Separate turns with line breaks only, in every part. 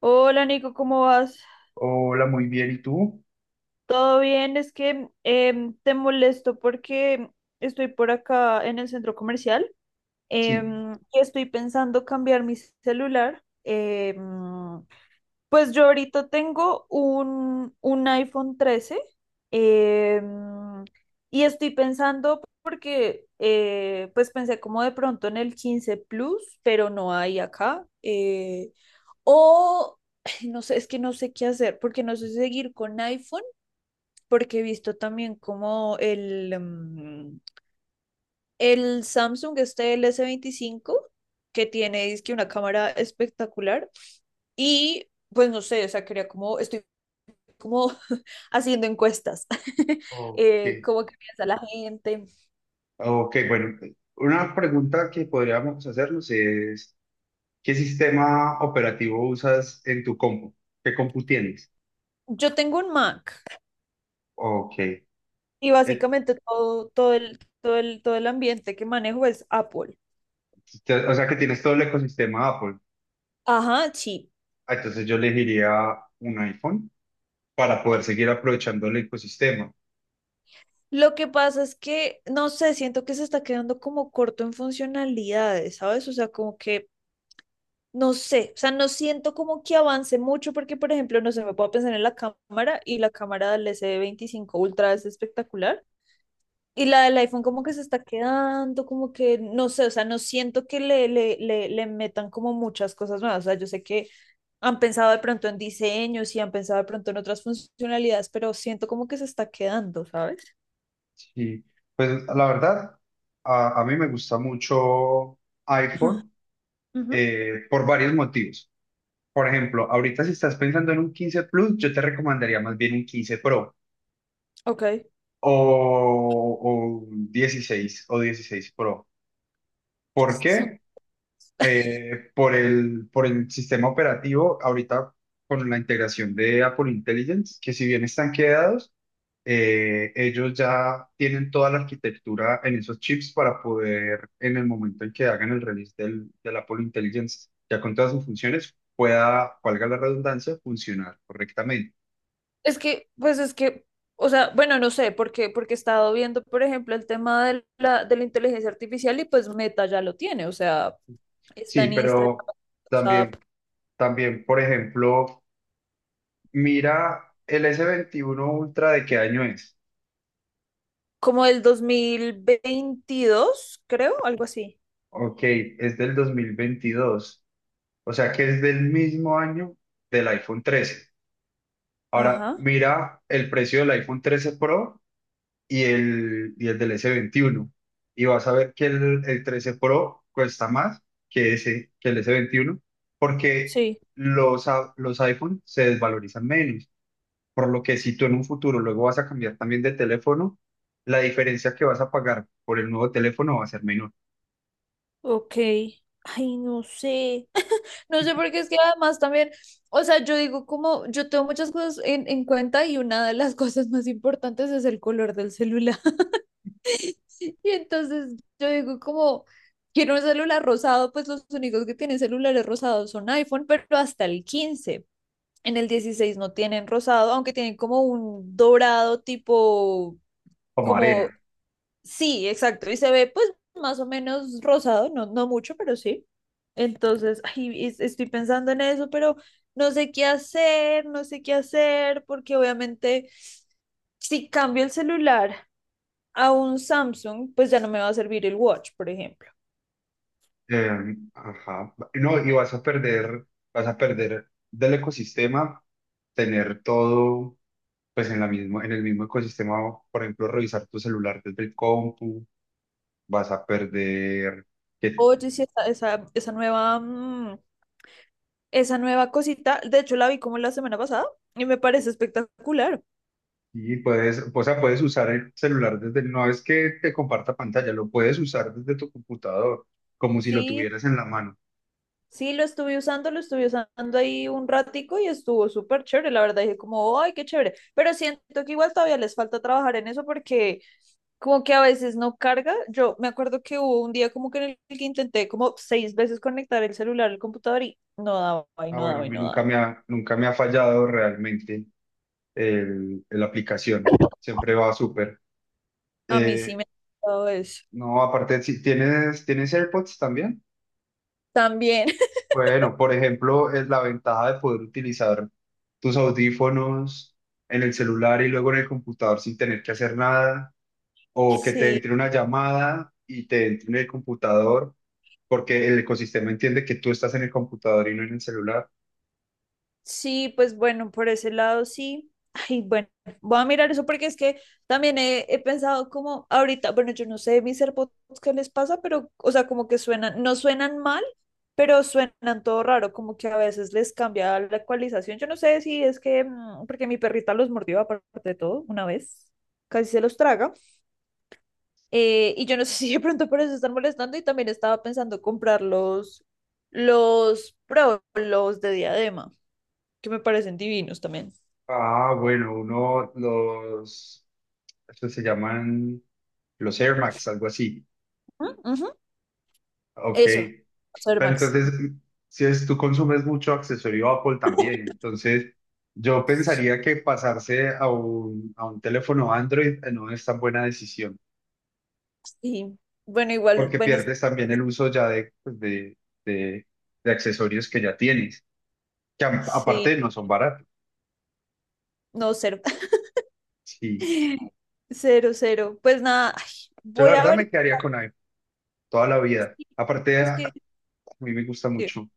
Hola Nico, ¿cómo vas?
Hola, muy bien. ¿Y tú?
¿Todo bien? Es que te molesto porque estoy por acá en el centro comercial,
Sí.
y estoy pensando cambiar mi celular. Pues yo ahorita tengo un iPhone 13. em, y estoy pensando porque pues pensé como de pronto en el 15 Plus, pero no hay acá. O ay, no sé, es que no sé qué hacer, porque no sé si seguir con iPhone, porque he visto también como el el Samsung, este el S25, que tiene dizque una cámara espectacular. Y pues no sé, o sea, quería como, estoy como haciendo encuestas,
Ok.
cómo que piensa la gente.
Ok, bueno. Una pregunta que podríamos hacernos es, ¿qué sistema operativo usas en tu compu? ¿Qué compu tienes?
Yo tengo un Mac
Ok.
y
Eh,
básicamente todo, todo el ambiente que manejo es Apple.
O sea que tienes todo el ecosistema Apple.
Ajá, sí.
Ah, entonces yo elegiría un iPhone para poder seguir aprovechando el ecosistema.
Lo que pasa es que, no sé, siento que se está quedando como corto en funcionalidades, ¿sabes? O sea, como que, no sé, o sea, no siento como que avance mucho porque, por ejemplo, no sé, me puedo pensar en la cámara, y la cámara del S25 Ultra es espectacular. Y la del iPhone como que se está quedando, como que, no sé, o sea, no siento que le metan como muchas cosas nuevas. O sea, yo sé que han pensado de pronto en diseños y han pensado de pronto en otras funcionalidades, pero siento como que se está quedando, ¿sabes?
Sí. Pues la verdad, a mí me gusta mucho iPhone
Ujú.
por varios motivos. Por ejemplo, ahorita si estás pensando en un 15 Plus, yo te recomendaría más bien un 15 Pro
Ok.
o un 16 o 16 Pro. ¿Por qué? Por el sistema operativo, ahorita con la integración de Apple Intelligence, que si bien están quedados, ellos ya tienen toda la arquitectura en esos chips para poder, en el momento en que hagan el release del Apple Intelligence, ya con todas sus funciones, pueda, valga la redundancia, funcionar correctamente.
Es que, pues es que, o sea, bueno, no sé, porque, porque he estado viendo, por ejemplo, el tema de la inteligencia artificial, y pues Meta ya lo tiene, o sea, está
Sí,
en Instagram,
pero
WhatsApp,
también, por ejemplo, mira el S21 Ultra de qué año es.
como el 2022, creo, algo así.
Ok, es del 2022, o sea que es del mismo año del iPhone 13. Ahora,
Ajá,
mira el precio del iPhone 13 Pro y el del S21. Y vas a ver que el 13 Pro cuesta más que el S21, porque
sí,
los iPhone se desvalorizan menos. Por lo que si tú en un futuro luego vas a cambiar también de teléfono, la diferencia que vas a pagar por el nuevo teléfono va a ser menor,
ok. Ay, no sé. No sé, porque es que además también, o sea, yo digo como, yo tengo muchas cosas en cuenta y una de las cosas más importantes es el color del celular. Y entonces yo digo como, quiero un celular rosado, pues los únicos que tienen celulares rosados son iPhone, pero hasta el 15. En el 16 no tienen rosado, aunque tienen como un dorado tipo,
como
como,
arena.
sí, exacto, y se ve pues más o menos rosado, no, no mucho, pero sí. Entonces, ay, estoy pensando en eso, pero no sé qué hacer, no sé qué hacer, porque obviamente, si cambio el celular a un Samsung, pues ya no me va a servir el Watch, por ejemplo.
Ajá. No, y vas a perder del ecosistema, tener todo, pues en el mismo ecosistema, por ejemplo, revisar tu celular desde el compu, vas a perder que
Oye, sí, esa nueva, esa nueva cosita, de hecho la vi como la semana pasada y me parece espectacular.
y puedes, o sea, puedes usar el celular desde, no es que te comparta pantalla, lo puedes usar desde tu computador, como si lo
Sí.
tuvieras en la mano.
Sí, lo estuve usando ahí un ratico y estuvo súper chévere, la verdad dije como, ay, qué chévere, pero siento que igual todavía les falta trabajar en eso porque como que a veces no carga, yo me acuerdo que hubo un día como que en el que intenté como seis veces conectar el celular al computador y no daba, y
Ah,
no
bueno, a
daba, y
mí
no
nunca
daba.
me ha, nunca me ha fallado realmente el, la aplicación. Siempre va súper.
A mí sí me
Eh,
ha pasado eso.
no, aparte, si tienes, ¿tienes AirPods también?
También.
Bueno, por ejemplo, es la ventaja de poder utilizar tus audífonos en el celular y luego en el computador sin tener que hacer nada, o que te
Sí.
entre una llamada y te entre en el computador, porque el ecosistema entiende que tú estás en el computador y no en el celular.
Sí, pues bueno, por ese lado sí. Ay, bueno, voy a mirar eso porque es que también he pensado como ahorita, bueno, yo no sé mis AirPods qué les pasa, pero, o sea, como que suenan, no suenan mal, pero suenan todo raro, como que a veces les cambia la ecualización. Yo no sé si es que, porque mi perrita los mordió aparte de todo una vez, casi se los traga, y yo no sé si de pronto por eso están molestando, y también estaba pensando comprar los Pro, los de diadema, que me parecen divinos también.
Ah, bueno, uno, los estos se llaman los Air Max, algo así.
Ujú, ujú.
Ok.
Eso, ser
Pero
Max.
entonces, si es, tú consumes mucho accesorio Apple también, entonces yo pensaría que pasarse a un teléfono Android, no es tan buena decisión,
Sí. Bueno, igual,
porque
bueno,
pierdes también el uso ya de, pues, de, de accesorios que ya tienes, que
sí,
aparte no son baratos.
no, cero.
Sí.
Cero, cero. Pues nada, ay,
Yo la
voy a
verdad me
ver.
quedaría con iPhone toda la vida.
qué-
Aparte,
Es
a
que,
a mí me gusta
sí.
mucho.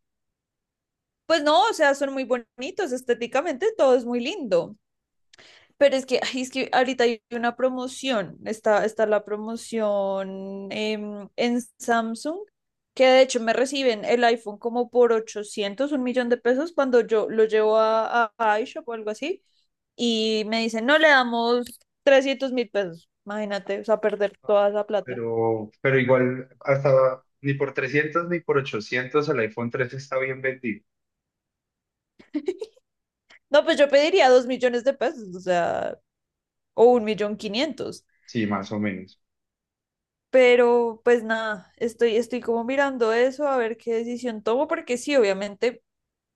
Pues no, o sea, son muy bonitos estéticamente, todo es muy lindo. Pero es que, ay, es que ahorita hay una promoción, está la promoción en Samsung, que de hecho me reciben el iPhone como por $801.000.000 cuando yo lo llevo a, iShop o algo así, y me dicen, no le damos $300.000, imagínate, o sea, perder toda esa plata.
Pero igual hasta ni por 300 ni por 800 el iPhone 3 está bien vendido.
No, pues yo pediría $2.000.000, o sea, o 1.500.000.
Sí, más o menos.
Pero pues nada, estoy, estoy como mirando eso, a ver qué decisión tomo, porque sí, obviamente,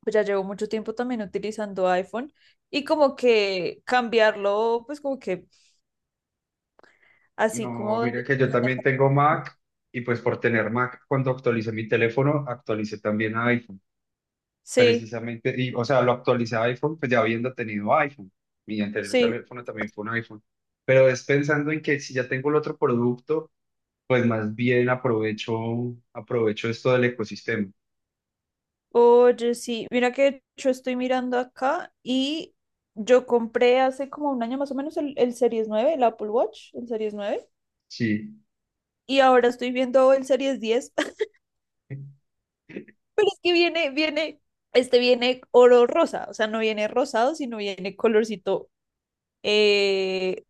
pues ya llevo mucho tiempo también utilizando iPhone, y como que cambiarlo, pues como que así
No,
como,
mira que yo también tengo Mac y pues por tener Mac, cuando actualicé mi teléfono, actualicé también a iPhone,
sí,
precisamente, y, o sea, lo actualicé a iPhone, pues ya habiendo tenido iPhone. Mi anterior
sí,
teléfono también fue un iPhone. Pero es pensando en que si ya tengo el otro producto, pues más bien aprovecho, aprovecho esto del ecosistema.
oye, sí, mira que yo estoy mirando acá y yo compré hace como un año más o menos el Series 9, el Apple Watch, el Series 9,
Sí.
y ahora estoy viendo el Series 10. Pero es que viene, viene, este viene oro rosa, o sea, no viene rosado, sino viene colorcito, eh,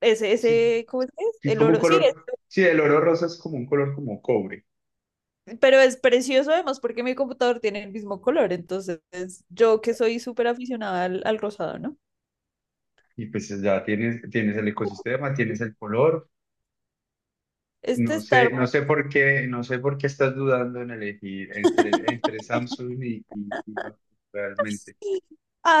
Sí,
ese, ¿cómo es que es?
es
El
como un
oro, sí.
color, sí, el oro rosa es como un color como cobre.
Pero es precioso además porque mi computador tiene el mismo color, entonces yo, que soy súper aficionada al rosado, ¿no?
Y pues ya tienes, tienes el ecosistema, tienes el color.
Este
No
está
sé,
hermoso.
no sé por qué, no sé por qué estás dudando en elegir entre Samsung y Apple, realmente.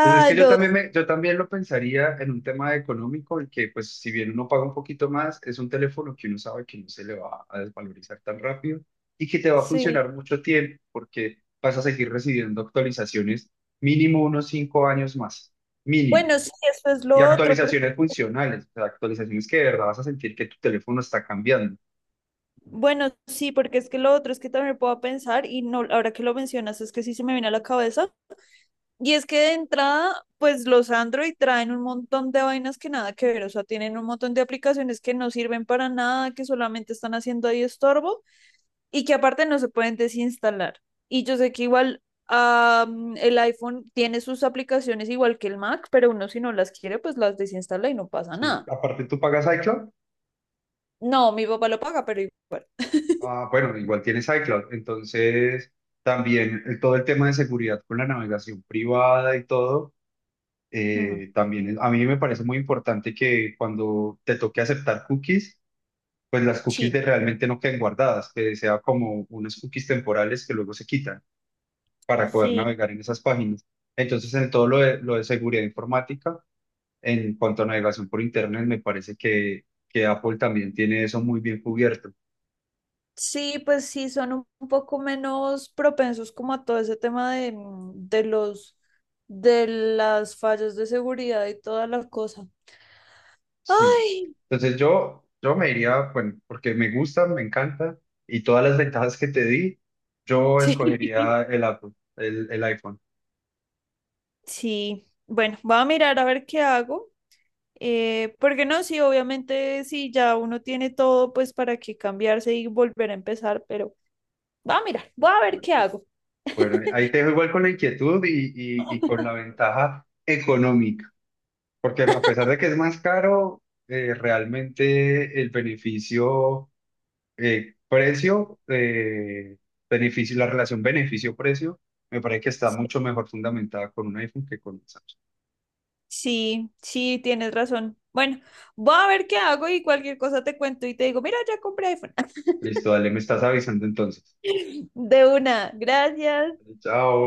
Pues es que yo
no,
también, me- yo también lo pensaría en un tema económico, en que pues si bien uno paga un poquito más, es un teléfono que uno sabe que no se le va a desvalorizar tan rápido y que te va a
sí.
funcionar mucho tiempo porque vas a seguir recibiendo actualizaciones mínimo unos 5 años más, mínimo.
Bueno, sí, eso es lo
Y
otro.
actualizaciones funcionales, o sea, actualizaciones que de verdad vas a sentir que tu teléfono está cambiando.
Bueno, sí, porque es que lo otro es que también puedo pensar y no, ahora que lo mencionas es que sí se me viene a la cabeza. Y es que de entrada, pues los Android traen un montón de vainas que nada que ver, o sea, tienen un montón de aplicaciones que no sirven para nada, que solamente están haciendo ahí estorbo, y que aparte no se pueden desinstalar. Y yo sé que igual, el iPhone tiene sus aplicaciones igual que el Mac, pero uno, si no las quiere, pues las desinstala y no pasa
Sí.
nada.
Aparte tú pagas iCloud.
No, mi papá lo paga, pero igual.
Ah, bueno, igual tienes iCloud, entonces también todo el tema de seguridad con la navegación privada y todo,
Ujú.
también a mí me parece muy importante que cuando te toque aceptar cookies, pues las cookies
Sí.
de realmente no queden guardadas, que sea como unas cookies temporales que luego se quitan para poder
Sí.
navegar en esas páginas. Entonces, en todo lo de seguridad informática, en cuanto a navegación por Internet, me parece que Apple también tiene eso muy bien cubierto.
Sí, pues sí, son un poco menos propensos como a todo ese tema de, de los de las fallas de seguridad y toda la cosa.
Sí.
Ay,
Entonces yo me iría, bueno, porque me gusta, me encanta y todas las ventajas que te di, yo
sí.
escogería el Apple, el iPhone.
Sí. Bueno, voy a mirar a ver qué hago. Porque no, sí, obviamente, sí, ya uno tiene todo, pues para que cambiarse y volver a empezar, pero va a mirar, voy a ver
Bueno,
qué hago.
bueno, ahí te dejo igual con la inquietud y con la ventaja económica, porque a pesar de que es más caro, realmente el beneficio, precio, beneficio, la relación beneficio-precio, me parece que está mucho mejor fundamentada con un iPhone que con un Samsung.
Sí, sí, tienes razón. Bueno, voy a ver qué hago y cualquier cosa te cuento y te digo, mira, ya compré iPhone.
Listo, dale, me estás avisando entonces.
De una, gracias.
Chao.